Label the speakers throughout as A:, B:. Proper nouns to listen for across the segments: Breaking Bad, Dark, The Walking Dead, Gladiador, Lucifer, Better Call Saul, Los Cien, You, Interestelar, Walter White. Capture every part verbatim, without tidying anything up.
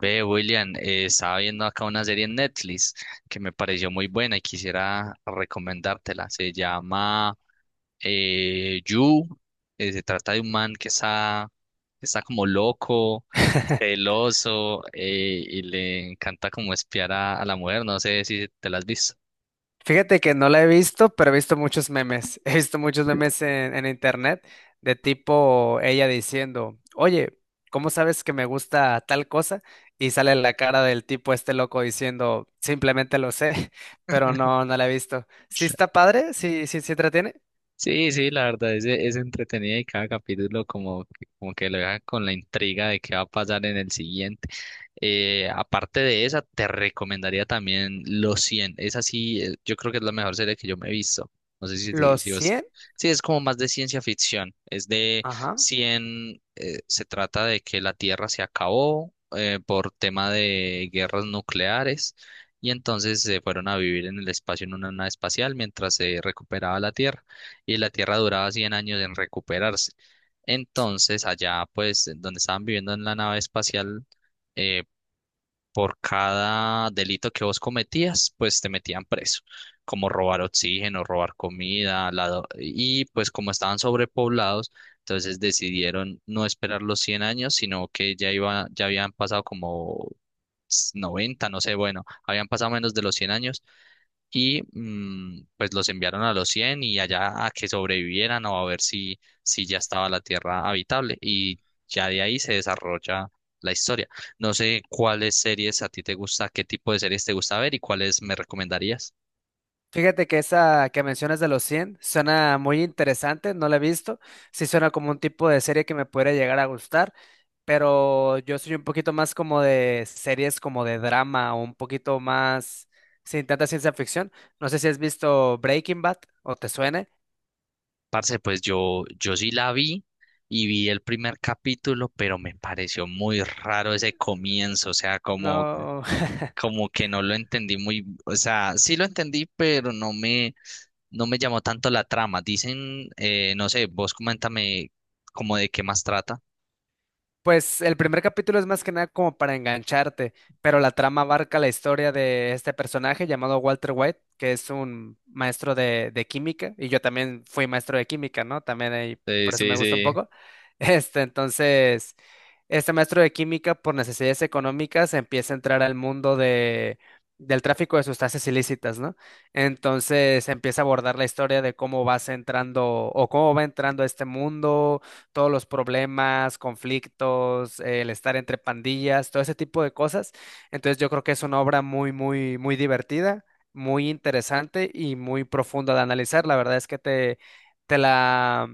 A: Ve, William, eh, estaba viendo acá una serie en Netflix que me pareció muy buena y quisiera recomendártela. Se llama eh, You. Eh, se trata de un man que está, que está como loco, celoso eh, y le encanta como espiar a, a la mujer. No sé si te la has visto.
B: Fíjate que no la he visto, pero he visto muchos memes. He visto muchos memes en, en internet de tipo ella diciendo, oye, ¿cómo sabes que me gusta tal cosa? Y sale la cara del tipo este loco diciendo, simplemente lo sé, pero no, no la he visto. Sí está padre, sí, sí, sí entretiene.
A: Sí, sí, la verdad es, es entretenida y cada capítulo como, que- como que lo deja con la intriga de qué va a pasar en el siguiente. Eh, aparte de esa, te recomendaría también Los Cien. Esa sí, eh, yo creo que es la mejor serie que yo me he visto. No sé si, si,
B: Los
A: si vos-
B: cien,
A: Sí, es como más de ciencia ficción. Es de
B: ajá.
A: cien. Eh, se trata de que la Tierra se acabó eh, por tema de guerras nucleares y entonces se fueron a vivir en el espacio en una nave espacial mientras se recuperaba la Tierra y la tierra duraba cien años en recuperarse. Entonces, allá, pues, donde estaban viviendo en la nave espacial, eh, por cada delito que vos cometías, pues te metían preso, como robar oxígeno, robar comida, lado- y pues como estaban sobrepoblados, entonces decidieron no esperar los cien años, sino que ya iba, ya habían pasado como noventa, no sé, bueno, habían pasado menos de los cien años y mm, pues los enviaron a los cien y allá a que sobrevivieran o a ver si, si ya estaba la Tierra habitable y ya de ahí se desarrolla la historia. No sé cuáles series a ti te gusta, qué tipo de series te gusta ver y cuáles me recomendarías.
B: Fíjate que esa que mencionas de los cien suena muy interesante, no la he visto. Sí suena como un tipo de serie que me pudiera llegar a gustar. Pero yo soy un poquito más como de series como de drama o un poquito más sin tanta ciencia ficción. No sé si has visto Breaking Bad o te suene.
A: Parce, pues yo, yo sí la vi y vi el primer capítulo, pero me pareció muy raro ese comienzo, o sea, como,
B: No.
A: como que no lo entendí muy, o sea, sí lo entendí, pero no me, no me llamó tanto la trama. Dicen, eh, no sé, vos coméntame como de qué más trata.
B: Pues el primer capítulo es más que nada como para engancharte, pero la trama abarca la historia de este personaje llamado Walter White, que es un maestro de, de química, y yo también fui maestro de química, ¿no? También ahí,
A: Sí,
B: por eso me
A: sí,
B: gusta un
A: sí.
B: poco. Este, entonces, este maestro de química, por necesidades económicas, empieza a entrar al mundo de, del tráfico de sustancias ilícitas, ¿no? Entonces empieza a abordar la historia de cómo vas entrando o cómo va entrando a este mundo, todos los problemas, conflictos, el estar entre pandillas, todo ese tipo de cosas. Entonces yo creo que es una obra muy, muy, muy divertida, muy interesante y muy profunda de analizar. La verdad es que te, te la,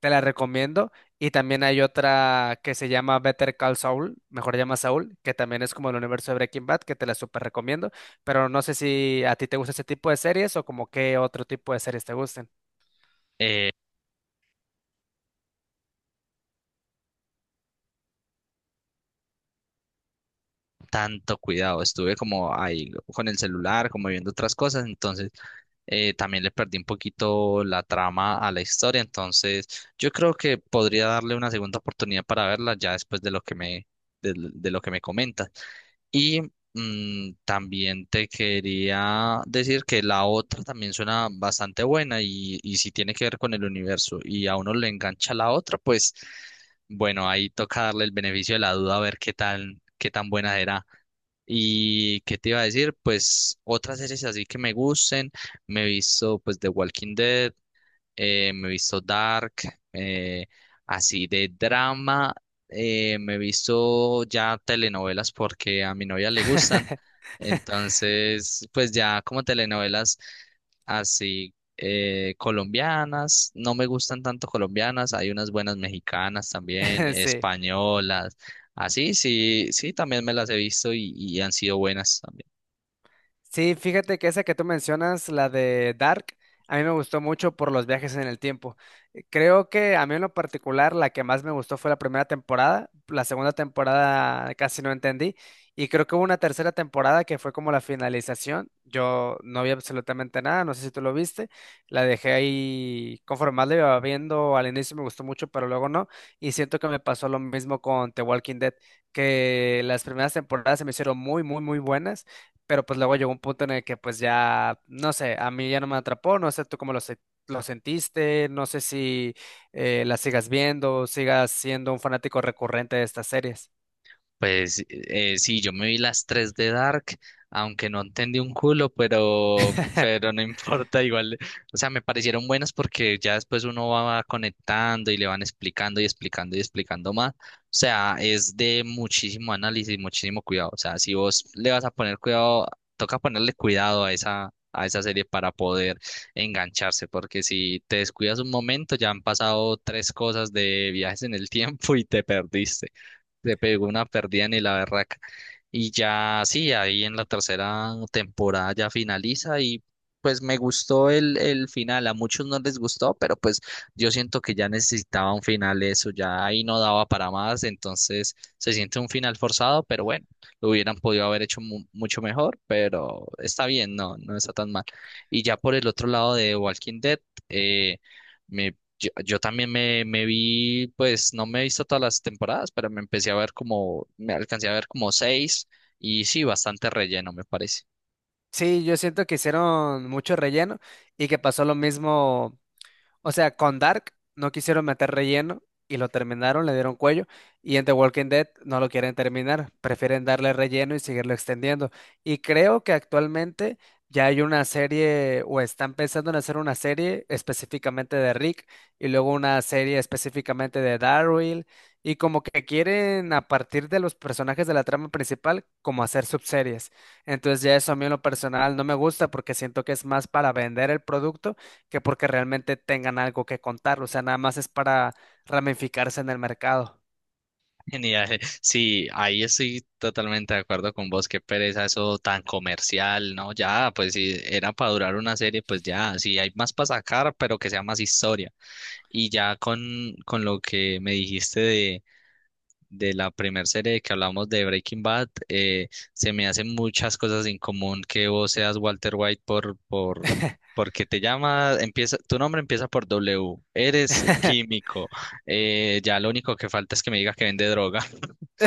B: te la recomiendo. Y también hay otra que se llama Better Call Saul, mejor llama Saul, que también es como el universo de Breaking Bad, que te la súper recomiendo. Pero no sé si a ti te gusta ese tipo de series o como qué otro tipo de series te gusten.
A: Eh, Tanto cuidado, estuve como ahí con el celular, como viendo otras cosas, entonces eh, también le perdí un poquito la trama a la historia, entonces yo creo que podría darle una segunda oportunidad para verla ya después de lo que me, de, de lo que me comentas. Y mm, también te quería decir que la otra también suena bastante buena y, y si tiene que ver con el universo y a uno le engancha la otra, pues bueno, ahí toca darle el beneficio de la duda a ver qué tal, qué tan buena será. Y qué te iba a decir, pues otras series así que me gusten, me he visto pues The Walking Dead, eh, me he visto Dark, eh, así de drama, eh, me he visto ya telenovelas porque a mi novia le gustan, entonces pues ya como telenovelas así eh, colombianas, no me gustan tanto colombianas, hay unas buenas mexicanas también,
B: Sí.
A: españolas, así sí, sí, también me las he visto y, y han sido buenas.
B: Sí, fíjate que esa que tú mencionas, la de Dark, a mí me gustó mucho por los viajes en el tiempo. Eh, Creo que a mí en lo particular la que más me gustó fue la primera temporada, la segunda temporada casi no entendí y creo que hubo una tercera temporada que fue como la finalización. Yo no vi absolutamente nada, no sé si tú lo viste, la dejé ahí conforme más la iba viendo, al inicio me gustó mucho, pero luego no, y siento que me pasó lo mismo con The Walking Dead, que las primeras temporadas se me hicieron muy, muy, muy buenas, pero pues luego llegó un punto en el que pues ya, no sé, a mí ya no me atrapó, no sé tú cómo lo, se- lo sentiste, no sé si eh, la sigas viendo, sigas siendo un fanático recurrente de estas series.
A: Pues eh, eh, sí, yo me vi las tres de Dark, aunque no entendí un culo, pero, pero no importa, igual, o sea, me parecieron buenas porque ya después uno va conectando y le van explicando y explicando y explicando más. O sea, es de muchísimo análisis, muchísimo cuidado. O sea, si vos le vas a poner cuidado, toca ponerle cuidado a esa, a esa serie para poder engancharse, porque si te descuidas un momento, ya han pasado tres cosas de viajes en el tiempo y te perdiste, le pegó una perdida ni la berraca. Y ya, sí, ahí en la tercera temporada ya finaliza y pues me gustó el, el final. A muchos no les gustó, pero pues yo siento que ya necesitaba un final eso, ya ahí no daba para más, entonces se siente un final forzado, pero bueno, lo hubieran podido haber hecho mu- mucho mejor, pero está bien, no, no está tan mal. Y ya por el otro lado de Walking Dead, eh, me yo, yo también me, me vi, pues no me he visto todas las temporadas, pero me empecé a ver como, me alcancé a ver como seis y sí, bastante relleno, me parece.
B: Sí, yo siento que hicieron mucho relleno y que pasó lo mismo. O sea, con Dark no quisieron meter relleno y lo terminaron, le dieron cuello. Y en The Walking Dead no lo quieren terminar, prefieren darle relleno y seguirlo extendiendo. Y creo que actualmente ya hay una serie o están pensando en hacer una serie específicamente de Rick y luego una serie específicamente de Daryl. Y como que quieren, a partir de los personajes de la trama principal, como hacer subseries. Entonces ya eso a mí en lo personal no me gusta porque siento que es más para vender el producto que porque realmente tengan algo que contar. O sea, nada más es para ramificarse en el mercado.
A: Genial. Sí, ahí estoy totalmente de acuerdo con vos, qué pereza eso tan comercial, ¿no? Ya, pues si era para durar una serie, pues ya, si hay más para sacar, pero que sea más historia. Y ya con, con lo que me dijiste de la primera serie que hablamos de Breaking Bad, eh, se me hacen muchas cosas en común que vos seas Walter White por, por, porque te llama, empieza, tu nombre empieza por uve doble, eres químico, eh, ya lo único que falta es que me digas que vende droga.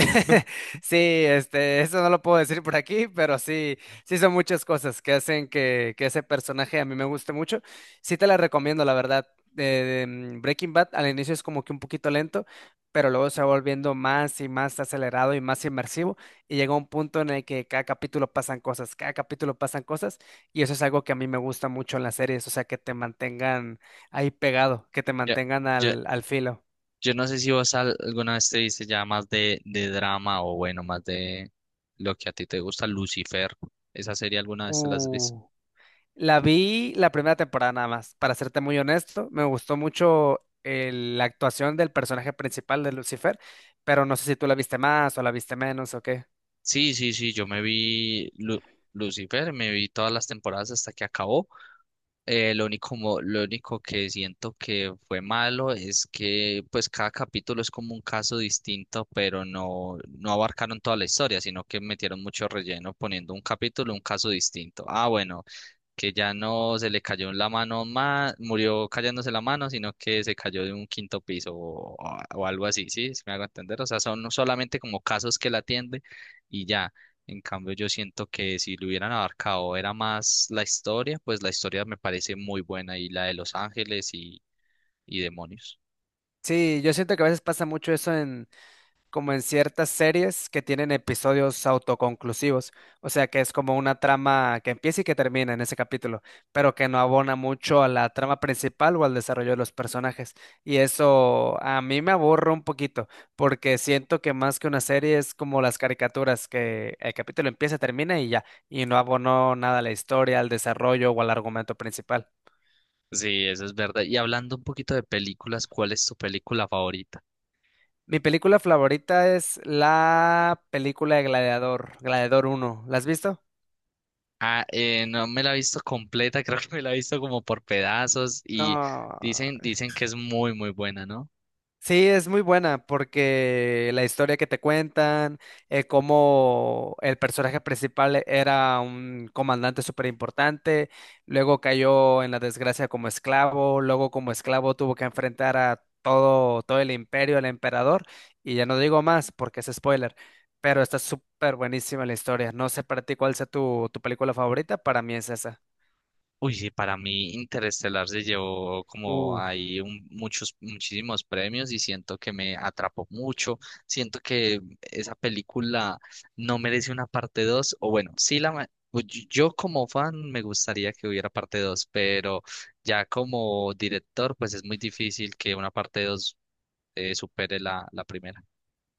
B: Sí, este, eso no lo puedo decir por aquí, pero sí, sí son muchas cosas que hacen que, que ese personaje a mí me guste mucho. Sí te la recomiendo, la verdad. Eh, mm, Breaking Bad al inicio es como que un poquito lento, pero luego se va volviendo más y más acelerado y más inmersivo, y llega un punto en el que cada capítulo pasan cosas, cada capítulo pasan cosas, y eso es algo que a mí me gusta mucho en las series, o sea, que te mantengan ahí pegado, que te
A: Ya-
B: mantengan
A: Yo,
B: al, al, filo.
A: yo no sé si vos al- alguna vez te viste ya más de, de drama o bueno, más de lo que a ti te gusta, Lucifer. ¿Esa serie alguna vez te la has visto?
B: Uh. La vi la primera temporada nada más, para serte muy honesto. Me gustó mucho el- la actuación del personaje principal de Lucifer, pero no sé si tú la viste más o la viste menos o qué.
A: Sí, sí, sí, yo me vi Lu- Lucifer, me vi todas las temporadas hasta que acabó. Eh, lo único, mo- lo único que siento que fue malo es que pues cada capítulo es como un caso distinto, pero no, no abarcaron toda la historia, sino que metieron mucho relleno poniendo un capítulo, un caso distinto. Ah, bueno, que ya no se le cayó en la mano más, murió cayéndose la mano, sino que se cayó de un quinto piso o, o algo así, ¿sí? Si me hago entender. O sea, son solamente como casos que la atiende y ya. En cambio, yo siento que si lo hubieran abarcado era más la historia, pues la historia me parece muy buena y la de Los Ángeles y, y demonios.
B: Sí, yo siento que a veces pasa mucho eso, como en ciertas series que tienen episodios autoconclusivos, o sea, que es como una trama que empieza y que termina en ese capítulo, pero que no abona mucho a la trama principal o al desarrollo de los personajes. Y eso a mí me aburre un poquito, porque siento que más que una serie es como las caricaturas, que el capítulo empieza, termina y ya, y no abonó nada a la historia, al desarrollo o al argumento principal.
A: Sí, eso es verdad. Y hablando un poquito de películas, ¿cuál es tu película favorita?
B: Mi película favorita es la película de Gladiador, Gladiador uno. ¿La has visto?
A: Ah, eh, no me la he visto completa, creo que me la he visto como por pedazos y
B: No.
A: dicen, dicen que es muy, muy buena, ¿no?
B: Sí, es muy buena porque la historia que te cuentan, eh, cómo el personaje principal era un comandante súper importante, luego cayó en la desgracia como esclavo, luego como esclavo tuvo que enfrentar a todo, todo el imperio, al emperador, y ya no digo más porque es spoiler, pero está súper buenísima la historia. No sé para ti cuál sea tu, tu película favorita, para mí es esa.
A: Uy, sí, para mí Interestelar se llevó como ahí un- muchos, muchísimos premios y siento que me atrapó mucho. Siento que esa película no merece una parte dos. O bueno, sí la... ma- pues Yo yo como fan me gustaría que hubiera parte dos, pero ya como director pues es muy difícil que una parte dos eh, supere la, la primera.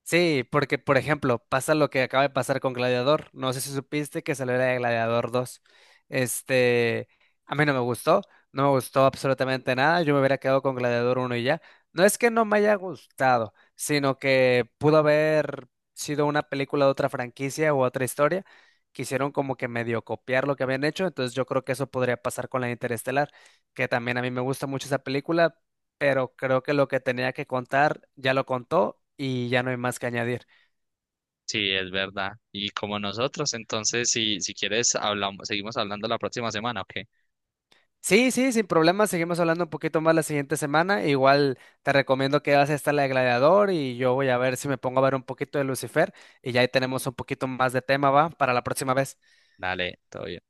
B: Sí, porque por ejemplo, pasa lo que acaba de pasar con Gladiador. No sé si supiste que salió la de Gladiador dos. Este, a mí no me gustó, no me gustó absolutamente nada. Yo me hubiera quedado con Gladiador uno y ya. No es que no me haya gustado, sino que pudo haber sido una película de otra franquicia u otra historia. Quisieron como que medio copiar lo que habían hecho, entonces yo creo que eso podría pasar con la de Interestelar, que también a mí me gusta mucho esa película, pero creo que lo que tenía que contar ya lo contó y ya no hay más que añadir.
A: Sí, es verdad. Y como nosotros, entonces si, si quieres hablamos, seguimos hablando la próxima semana, ¿ok?
B: Sí, sí, sin problema, seguimos hablando un poquito más la siguiente semana. Igual te recomiendo que veas esta, la de Gladiador, y yo voy a ver si me pongo a ver un poquito de Lucifer y ya ahí tenemos un poquito más de tema, ¿va? Para la próxima vez.
A: Dale, todo bien.